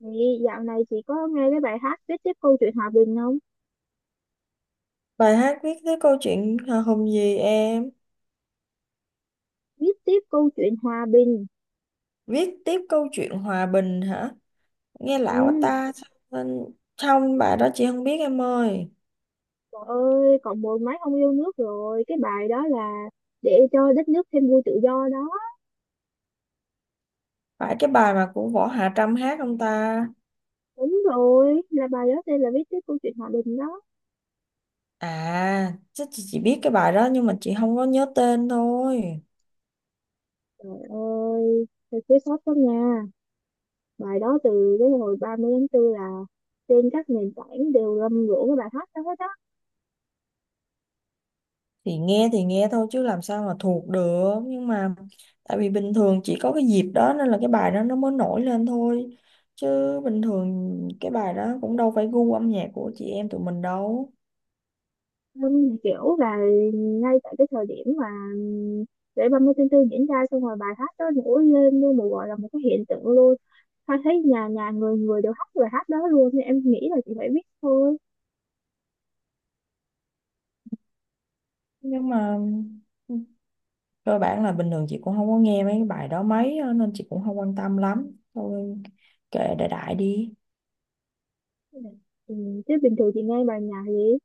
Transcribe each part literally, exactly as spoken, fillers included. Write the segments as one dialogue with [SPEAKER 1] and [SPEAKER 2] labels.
[SPEAKER 1] Thì dạo này chị có nghe cái bài hát viết tiếp câu chuyện hòa bình không?
[SPEAKER 2] Bài hát viết tiếp câu chuyện hào hùng gì em?
[SPEAKER 1] Viết tiếp câu chuyện hòa bình.
[SPEAKER 2] Viết tiếp câu chuyện hòa bình hả? Nghe lạ quá
[SPEAKER 1] Ừ.
[SPEAKER 2] ta. Nên trong bài đó chị không biết em ơi.
[SPEAKER 1] Trời ơi, còn mười mấy ông yêu nước rồi. Cái bài đó là để cho đất nước thêm vui tự do đó.
[SPEAKER 2] Phải cái bài mà của Võ Hạ Trâm hát không ta?
[SPEAKER 1] Đúng rồi, là bài đó tên là viết tiếp câu chuyện hòa bình đó.
[SPEAKER 2] À, chắc chị chỉ biết cái bài đó nhưng mà chị không có nhớ tên thôi.
[SPEAKER 1] Trời ơi, thật thiếu sót quá nha. Bài đó từ cái hồi ba mươi tháng tư là trên các nền tảng đều rầm rộ cái bài hát đó hết á.
[SPEAKER 2] Thì nghe thì nghe thôi chứ làm sao mà thuộc được. Nhưng mà tại vì bình thường chỉ có cái dịp đó nên là cái bài đó nó mới nổi lên thôi. Chứ bình thường cái bài đó cũng đâu phải gu âm nhạc của chị em tụi mình đâu.
[SPEAKER 1] Vâng, kiểu là ngay tại cái thời điểm mà lễ ba mươi tháng tư diễn ra xong rồi bài hát đó nổi lên như một gọi là một cái hiện tượng luôn. Hoa thấy nhà nhà người người đều hát bài hát đó luôn nên em nghĩ là chị phải biết thôi.
[SPEAKER 2] Nhưng mà cơ bản là bình thường chị cũng không có nghe mấy cái bài đó mấy á, nên chị cũng không quan tâm lắm thôi, kệ đại đại đi.
[SPEAKER 1] Ừ, chứ bình thường chị nghe bài nhạc gì?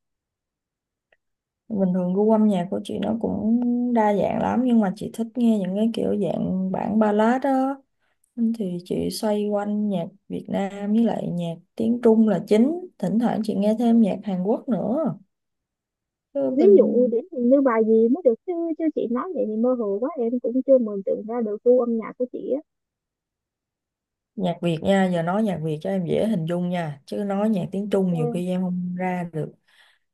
[SPEAKER 2] Bình thường gu âm nhạc của chị nó cũng đa dạng lắm, nhưng mà chị thích nghe những cái kiểu dạng bản ballad đó. Nên thì chị xoay quanh nhạc Việt Nam với lại nhạc tiếng Trung là chính, thỉnh thoảng chị nghe thêm nhạc Hàn Quốc nữa. Chứ
[SPEAKER 1] Ví dụ
[SPEAKER 2] bình
[SPEAKER 1] điển hình như bài gì mới được chứ? Chứ chị nói vậy thì mơ hồ quá, em cũng chưa mường tượng ra được gu âm nhạc của chị á.
[SPEAKER 2] Nhạc Việt nha, giờ nói nhạc Việt cho em dễ hình dung nha, chứ nói nhạc tiếng Trung nhiều khi
[SPEAKER 1] Ok,
[SPEAKER 2] em không ra được.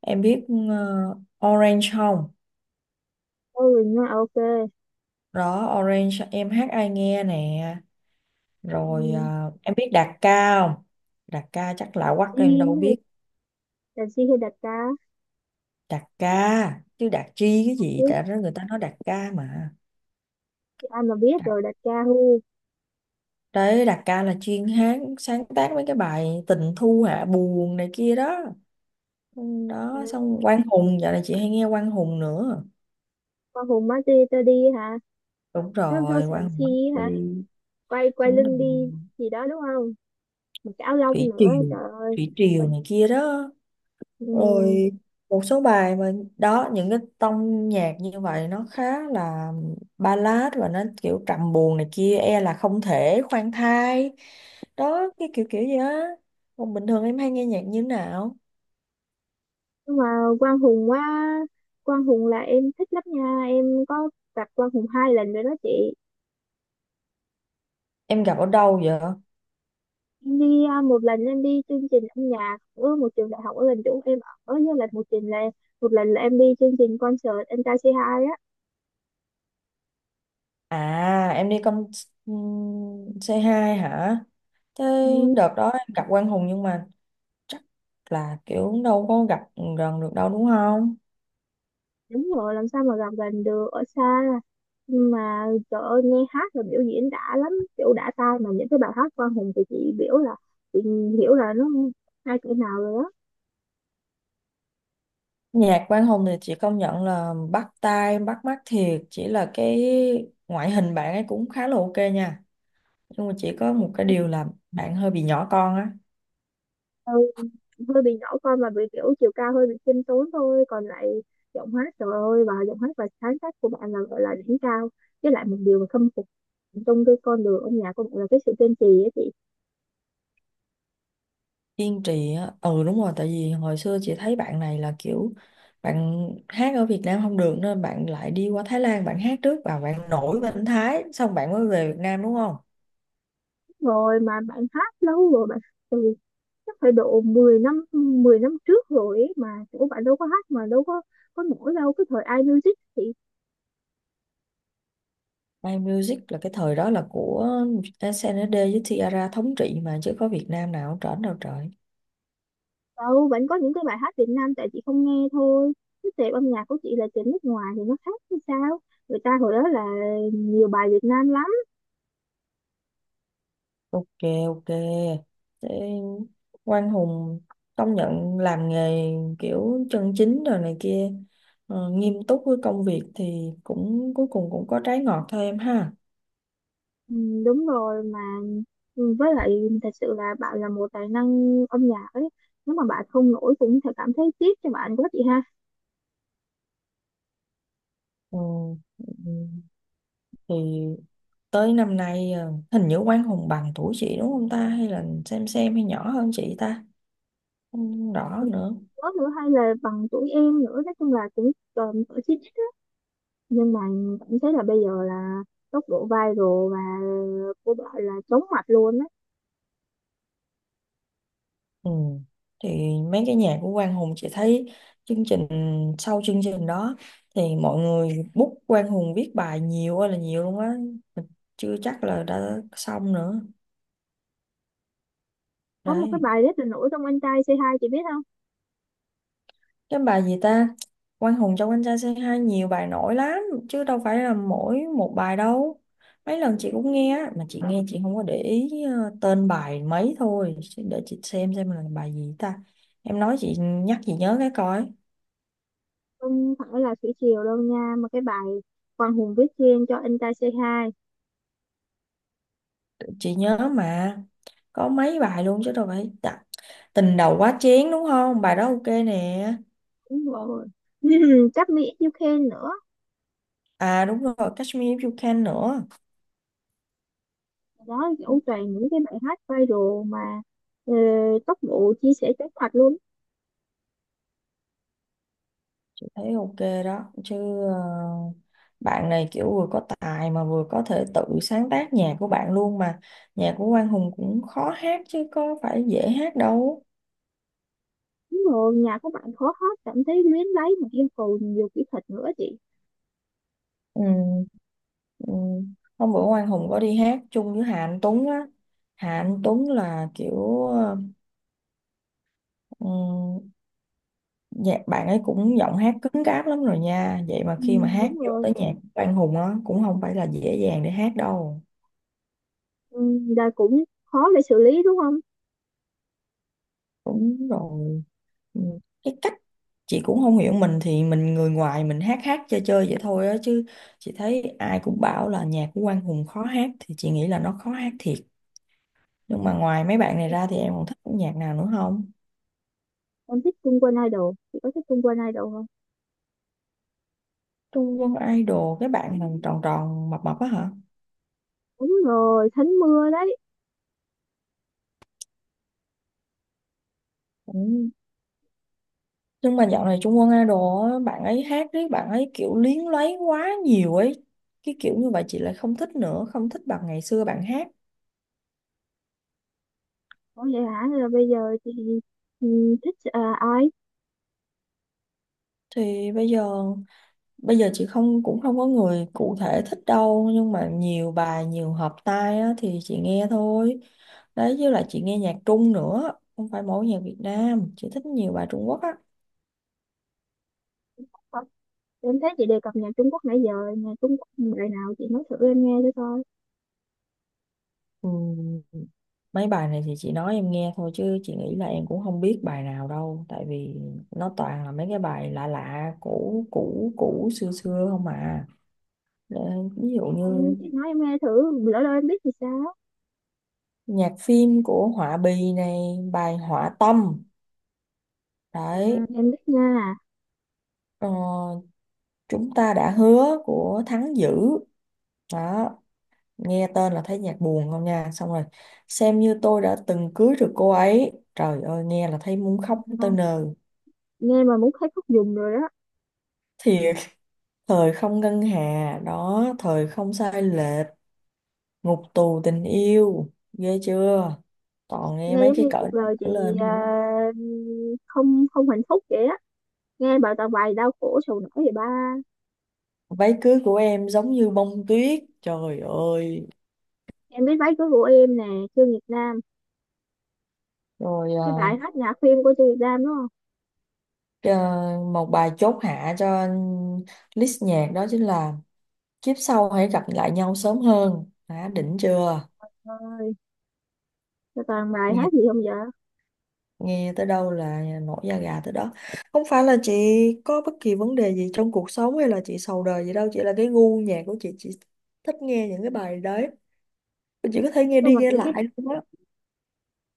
[SPEAKER 2] Em biết ờ, Orange không?
[SPEAKER 1] thôi mình ok.
[SPEAKER 2] Đó, Orange em hát ai nghe nè. Rồi
[SPEAKER 1] Ừ,
[SPEAKER 2] ờ, em biết Đạt Ca không? Đạt Ca chắc
[SPEAKER 1] đặt
[SPEAKER 2] lạ quắc
[SPEAKER 1] chi
[SPEAKER 2] em đâu
[SPEAKER 1] hay
[SPEAKER 2] biết.
[SPEAKER 1] đặt chi hay đặt ca.
[SPEAKER 2] Đạt Ca, chứ Đạt Chi cái
[SPEAKER 1] Không
[SPEAKER 2] gì?
[SPEAKER 1] biết
[SPEAKER 2] Tại đó người ta nói Đạt Ca mà.
[SPEAKER 1] chị, ai mà biết
[SPEAKER 2] Đạt,
[SPEAKER 1] rồi đặt ca hu.
[SPEAKER 2] Đấy, Đạt Ca là chuyên hát, sáng tác mấy cái bài tình thu hạ buồn này kia đó. Ừ, đó,
[SPEAKER 1] Ừ.
[SPEAKER 2] xong Quang Hùng, dạo này chị hay nghe Quang Hùng nữa.
[SPEAKER 1] Qua Hồ Mati đi hả?
[SPEAKER 2] Đúng
[SPEAKER 1] Số số
[SPEAKER 2] rồi, Quang
[SPEAKER 1] sần
[SPEAKER 2] Hùng
[SPEAKER 1] si.
[SPEAKER 2] Master,
[SPEAKER 1] Hả? Quay quay
[SPEAKER 2] đúng rồi.
[SPEAKER 1] lưng đi gì đó đúng không? Một cái áo lông
[SPEAKER 2] Thủy
[SPEAKER 1] nữa
[SPEAKER 2] Triều,
[SPEAKER 1] trời ơi.
[SPEAKER 2] Thủy Triều này kia đó.
[SPEAKER 1] Ừ.
[SPEAKER 2] Rồi một số bài mà, đó những cái tông nhạc như vậy nó khá là ballad và nó kiểu trầm buồn này kia, e là không thể khoan thai, đó cái kiểu kiểu gì á. Còn bình thường em hay nghe nhạc như thế nào?
[SPEAKER 1] Nhưng mà Quang Hùng quá Quang Hùng là em thích lắm nha, em có gặp Quang Hùng hai lần rồi đó chị.
[SPEAKER 2] Em gặp ở đâu vậy?
[SPEAKER 1] Em đi à, một lần em đi chương trình âm nhạc ở một trường đại học ở gần chỗ em, ở với lần một trình là một lần là em đi chương trình concert anh ta c hai á.
[SPEAKER 2] À em đi con ừm, c hai hả? Thế
[SPEAKER 1] Ừ.
[SPEAKER 2] đợt đó em gặp Quang Hùng nhưng mà chắc là kiểu đâu có gặp gần được đâu đúng không?
[SPEAKER 1] Đúng rồi, làm sao mà gặp gần được, ở xa. Nhưng mà trời ơi, nghe hát và biểu diễn đã lắm, kiểu đã tai mà những cái bài hát Quang Hùng thì chị biểu là chị hiểu là nó hai cỡ nào rồi.
[SPEAKER 2] Nhạc Quang Hùng thì chị công nhận là bắt tai, bắt mắt thiệt, chỉ là cái ngoại hình bạn ấy cũng khá là ok nha. Nhưng mà chỉ có một cái
[SPEAKER 1] Đó.
[SPEAKER 2] điều là bạn hơi bị nhỏ con á,
[SPEAKER 1] Ừ, hơi bị nhỏ con và bị kiểu chiều cao hơi bị khiêm tốn thôi còn lại giọng hát trời ơi và giọng hát và sáng tác của bạn là gọi là đỉnh cao, với lại một điều mà khâm phục trong cái con đường âm nhạc của bạn là cái sự kiên trì á chị.
[SPEAKER 2] kiên trì á. Ừ đúng rồi, tại vì hồi xưa chị thấy bạn này là kiểu bạn hát ở Việt Nam không được nên bạn lại đi qua Thái Lan, bạn hát trước và bạn nổi bên Thái, xong bạn mới về Việt Nam đúng không?
[SPEAKER 1] Rồi mà bạn hát lâu rồi bạn chắc phải độ mười năm, mười năm trước rồi ấy, mà chỗ bạn đâu có hát mà đâu có có nổi đâu cái thời iMusic thì
[SPEAKER 2] My Music là cái thời đó là của S N S D với Tiara thống trị mà, chứ có Việt Nam nào trển đâu trời.
[SPEAKER 1] đâu vẫn có những cái bài hát Việt Nam, tại chị không nghe thôi, cái tệp âm nhạc của chị là tệp nước ngoài thì nó khác hay sao? Người ta hồi đó là nhiều bài Việt Nam lắm.
[SPEAKER 2] Ok, ok, thế Quang Hùng công nhận làm nghề kiểu chân chính rồi này kia, ờ, nghiêm túc với công việc thì cũng cuối cùng cũng có trái ngọt thôi em ha.
[SPEAKER 1] Ừ, đúng rồi mà. Ừ, với lại thật sự là bạn là một tài năng âm nhạc ấy, nếu mà bạn không nổi cũng sẽ cảm thấy tiếc cho bạn quá chị ha.
[SPEAKER 2] Ừ. Ừ. Thì tới năm nay ờ, hình như Quang Hùng bằng tuổi chị đúng không ta, hay là xem xem hay nhỏ hơn chị ta, không rõ nữa.
[SPEAKER 1] Đó nữa hay là bằng tuổi em nữa, nói chung là cũng còn ở trên, nhưng mà cảm thấy là bây giờ là tốc độ viral và của bạn là chóng mặt luôn á.
[SPEAKER 2] Ừ. Thì mấy cái nhà của Quang Hùng chị thấy chương trình, sau chương trình đó thì mọi người book Quang Hùng viết bài nhiều ơi là nhiều luôn á. Mình chưa chắc là đã xong nữa
[SPEAKER 1] Có một cái
[SPEAKER 2] đấy.
[SPEAKER 1] bài rất là nổi trong anh trai xê hai chị biết không?
[SPEAKER 2] Cái bài gì ta? Quang Hùng trong anh trai Say Hi nhiều bài nổi lắm chứ đâu phải là mỗi một bài đâu, mấy lần chị cũng nghe á, mà chị nghe chị không có để ý ờ, tên bài mấy thôi. Chứ để chị xem xem là bài gì ta, em nói chị nhắc chị nhớ cái coi.
[SPEAKER 1] Không phải là thủy triều đâu nha, mà cái bài Quang Hùng viết riêng cho anh trai xê hai.
[SPEAKER 2] Chị nhớ mà, có mấy bài luôn chứ đâu phải dạ. Tình đầu quá chén đúng không, bài đó ok nè.
[SPEAKER 1] Đúng rồi. Cáp Mỹ You Can nữa.
[SPEAKER 2] À đúng rồi, Catch Me If You Can nữa.
[SPEAKER 1] Đó, kiểu
[SPEAKER 2] Ok,
[SPEAKER 1] toàn những cái bài hát viral mà ờ, tốc độ chia sẻ chóng mặt luôn.
[SPEAKER 2] thấy ok đó chứ. ờ, Bạn này kiểu vừa có tài mà vừa có thể tự sáng tác nhạc của bạn luôn mà, nhạc của Quang Hùng cũng khó hát chứ có phải dễ hát đâu.
[SPEAKER 1] Đúng rồi, nhà của bạn khó hát, cảm thấy luyến lấy mà yêu cầu nhiều kỹ thuật nữa chị.
[SPEAKER 2] Ừ, ừ. Hôm bữa Quang Hùng có đi hát chung với Hà Anh Tuấn á. Hà Anh Tuấn là kiểu ờ, ừ, dạ, bạn ấy cũng giọng hát cứng cáp lắm rồi nha. Vậy mà
[SPEAKER 1] Ừ,
[SPEAKER 2] khi mà hát
[SPEAKER 1] đúng
[SPEAKER 2] vô
[SPEAKER 1] rồi.
[SPEAKER 2] tới nhạc của Quang Hùng á cũng không phải là dễ dàng để hát đâu.
[SPEAKER 1] Ừ, là cũng khó để xử lý đúng không?
[SPEAKER 2] Đúng rồi. Ừ, cái cách chị cũng không hiểu, mình thì mình người ngoài mình hát hát chơi chơi vậy thôi á, chứ chị thấy ai cũng bảo là nhạc của Quang Hùng khó hát thì chị nghĩ là nó khó hát thiệt. Nhưng mà ngoài mấy bạn này ra thì em còn thích nhạc nào nữa không?
[SPEAKER 1] Em thích Trung Quân Idol, chị có thích Trung Quân Idol không?
[SPEAKER 2] Trung Quân Idol cái bạn mà tròn tròn mập mập á hả?
[SPEAKER 1] Đúng rồi, Thánh Mưa đấy.
[SPEAKER 2] Ừ. Nhưng mà dạo này Trung Quân Idol á, bạn ấy hát đấy, bạn ấy kiểu luyến lấy quá nhiều ấy. Cái kiểu như vậy chị lại không thích nữa, không thích bằng ngày xưa bạn hát.
[SPEAKER 1] Ủa vậy hả? Là bây giờ chị, ừ, thích à, ai?
[SPEAKER 2] Thì bây giờ bây giờ chị không cũng không có người cụ thể thích đâu, nhưng mà nhiều bài, nhiều hợp tai á, thì chị nghe thôi. Đấy với lại chị nghe nhạc Trung nữa, không phải mỗi nhạc Việt Nam, chị thích nhiều bài Trung Quốc á.
[SPEAKER 1] Ờ, em thấy chị đề cập nhạc Trung Quốc nãy giờ, nhạc Trung Quốc bài nào chị nói thử em nghe thử coi.
[SPEAKER 2] Ừ. Mấy bài này thì chị nói em nghe thôi chứ chị nghĩ là em cũng không biết bài nào đâu, tại vì nó toàn là mấy cái bài lạ lạ cũ cũ cũ xưa xưa không à. Ờ, ví dụ
[SPEAKER 1] Ừ,
[SPEAKER 2] như
[SPEAKER 1] chị nói em nghe thử, lỡ đâu em biết thì sao?
[SPEAKER 2] nhạc phim của Họa Bì này, bài Họa Tâm
[SPEAKER 1] Ừ,
[SPEAKER 2] đấy.
[SPEAKER 1] em biết nha.
[SPEAKER 2] ờ, Chúng ta đã hứa của Thắng Dữ đó, nghe tên là thấy nhạc buồn không nha. Xong rồi xem như tôi đã từng cưới được cô ấy, trời ơi nghe là thấy muốn khóc tới
[SPEAKER 1] Ừ.
[SPEAKER 2] nơi
[SPEAKER 1] Nghe mà muốn thấy khóc dùng rồi đó.
[SPEAKER 2] thiệt. Thời không ngân hà đó, thời không sai lệch, ngục tù tình yêu, ghê chưa, toàn nghe
[SPEAKER 1] Nghe
[SPEAKER 2] mấy
[SPEAKER 1] giống
[SPEAKER 2] cái
[SPEAKER 1] như
[SPEAKER 2] cỡ
[SPEAKER 1] cuộc
[SPEAKER 2] đó
[SPEAKER 1] đời chị
[SPEAKER 2] trở lên
[SPEAKER 1] à,
[SPEAKER 2] không
[SPEAKER 1] không không hạnh phúc vậy á. Nghe bài toàn bài đau khổ sầu não vậy ba.
[SPEAKER 2] á. Váy cưới của em giống như bông tuyết, trời ơi.
[SPEAKER 1] Em biết váy cưới của em nè, Trương Việt Nam.
[SPEAKER 2] Rồi à,
[SPEAKER 1] Cái bài hát nhạc phim của Trương Việt Nam đúng không?
[SPEAKER 2] à, một bài chốt hạ cho list nhạc đó chính là kiếp sau hãy gặp lại nhau sớm hơn, đã đỉnh chưa?
[SPEAKER 1] Trời ơi, sao toàn bài hát gì không vậy?
[SPEAKER 2] Nghe tới đâu là nổi da gà tới đó. Không phải là chị có bất kỳ vấn đề gì trong cuộc sống hay là chị sầu đời gì đâu, chỉ là cái gu nhạc của chị chị thích nghe những cái bài đấy, chị có thể
[SPEAKER 1] Nói
[SPEAKER 2] nghe
[SPEAKER 1] chung
[SPEAKER 2] đi
[SPEAKER 1] là
[SPEAKER 2] nghe
[SPEAKER 1] chị thích,
[SPEAKER 2] lại luôn á.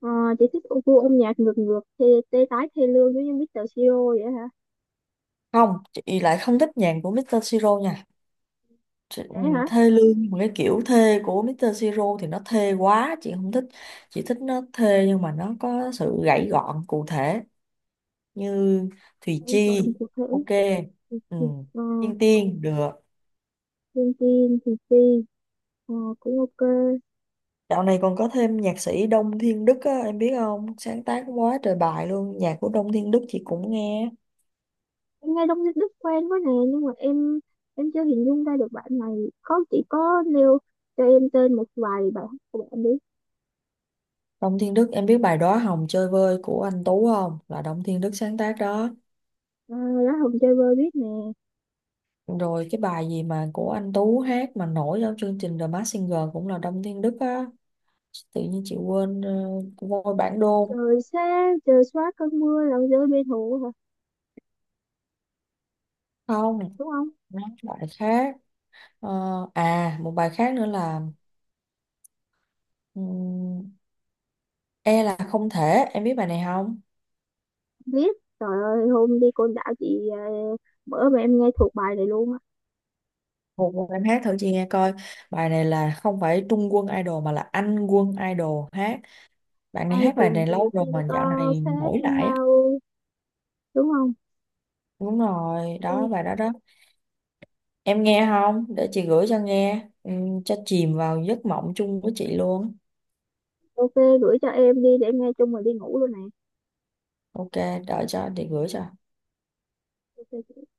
[SPEAKER 1] ờ, chị thích ô gu âm nhạc ngược ngược thì tê tái thê lương giống như mít tơ Siro vậy hả?
[SPEAKER 2] Không, chị lại không thích nhạc của mít tơ Siro nha. Chị, ừ,
[SPEAKER 1] Thế hả?
[SPEAKER 2] thê lương một cái kiểu thê của mít tơ Siro thì nó thê quá chị không thích, chị thích nó thê nhưng mà nó có sự gãy gọn cụ thể như Thùy
[SPEAKER 1] Em
[SPEAKER 2] Chi.
[SPEAKER 1] còn cụ thể.
[SPEAKER 2] Ok,
[SPEAKER 1] thì
[SPEAKER 2] ừ.
[SPEAKER 1] thì ờ,
[SPEAKER 2] Tiên Tiên được.
[SPEAKER 1] Thiên Tiên thì Ti ờ, cũng ok.
[SPEAKER 2] Dạo này còn có thêm nhạc sĩ Đông Thiên Đức á, em biết không? Sáng tác quá trời bài luôn. Nhạc của Đông Thiên Đức chị cũng nghe.
[SPEAKER 1] Em nghe Đông Đức quen quá nè nhưng mà em em chưa hình dung ra được bạn này, có chỉ có nêu cho em tên một vài bài hát của bạn đi.
[SPEAKER 2] Đông Thiên Đức, em biết bài Đóa Hồng Chơi Vơi của anh Tú không? Là Đông Thiên Đức sáng tác đó.
[SPEAKER 1] À, lá hồng chơi vơi biết nè.
[SPEAKER 2] Rồi cái bài gì mà của anh Tú hát mà nổi trong chương trình The Masked Singer cũng là Đông Thiên Đức á. Tự nhiên chị quên uh, voi bản đôn.
[SPEAKER 1] Trời xa trời xóa cơn mưa lòng rơi bê thù hả
[SPEAKER 2] Không,
[SPEAKER 1] đúng không?
[SPEAKER 2] nó bài khác. Ờ, à, một bài khác nữa là ừm, E là không thể. Em biết bài này không?
[SPEAKER 1] Biết. Trời ơi hôm đi Côn Đảo chị à, bữa mà em nghe thuộc bài này luôn á.
[SPEAKER 2] Một vài em hát thử chị nghe coi. Bài này là không phải Trung Quân Idol, mà là Anh Quân Idol hát. Bạn này
[SPEAKER 1] Ai
[SPEAKER 2] hát bài
[SPEAKER 1] cùng
[SPEAKER 2] này lâu
[SPEAKER 1] từ
[SPEAKER 2] rồi
[SPEAKER 1] tin
[SPEAKER 2] mà
[SPEAKER 1] to
[SPEAKER 2] dạo này
[SPEAKER 1] phép
[SPEAKER 2] nổi lại á.
[SPEAKER 1] mau đúng không?
[SPEAKER 2] Đúng rồi,
[SPEAKER 1] Rồi,
[SPEAKER 2] đó bài đó đó. Em nghe không? Để chị gửi cho nghe, ừ, cho chìm vào giấc mộng chung với chị luôn.
[SPEAKER 1] ok. Gửi cho em đi để em nghe chung rồi đi ngủ luôn nè.
[SPEAKER 2] Ok, đợi cho chị gửi cho.
[SPEAKER 1] Ok.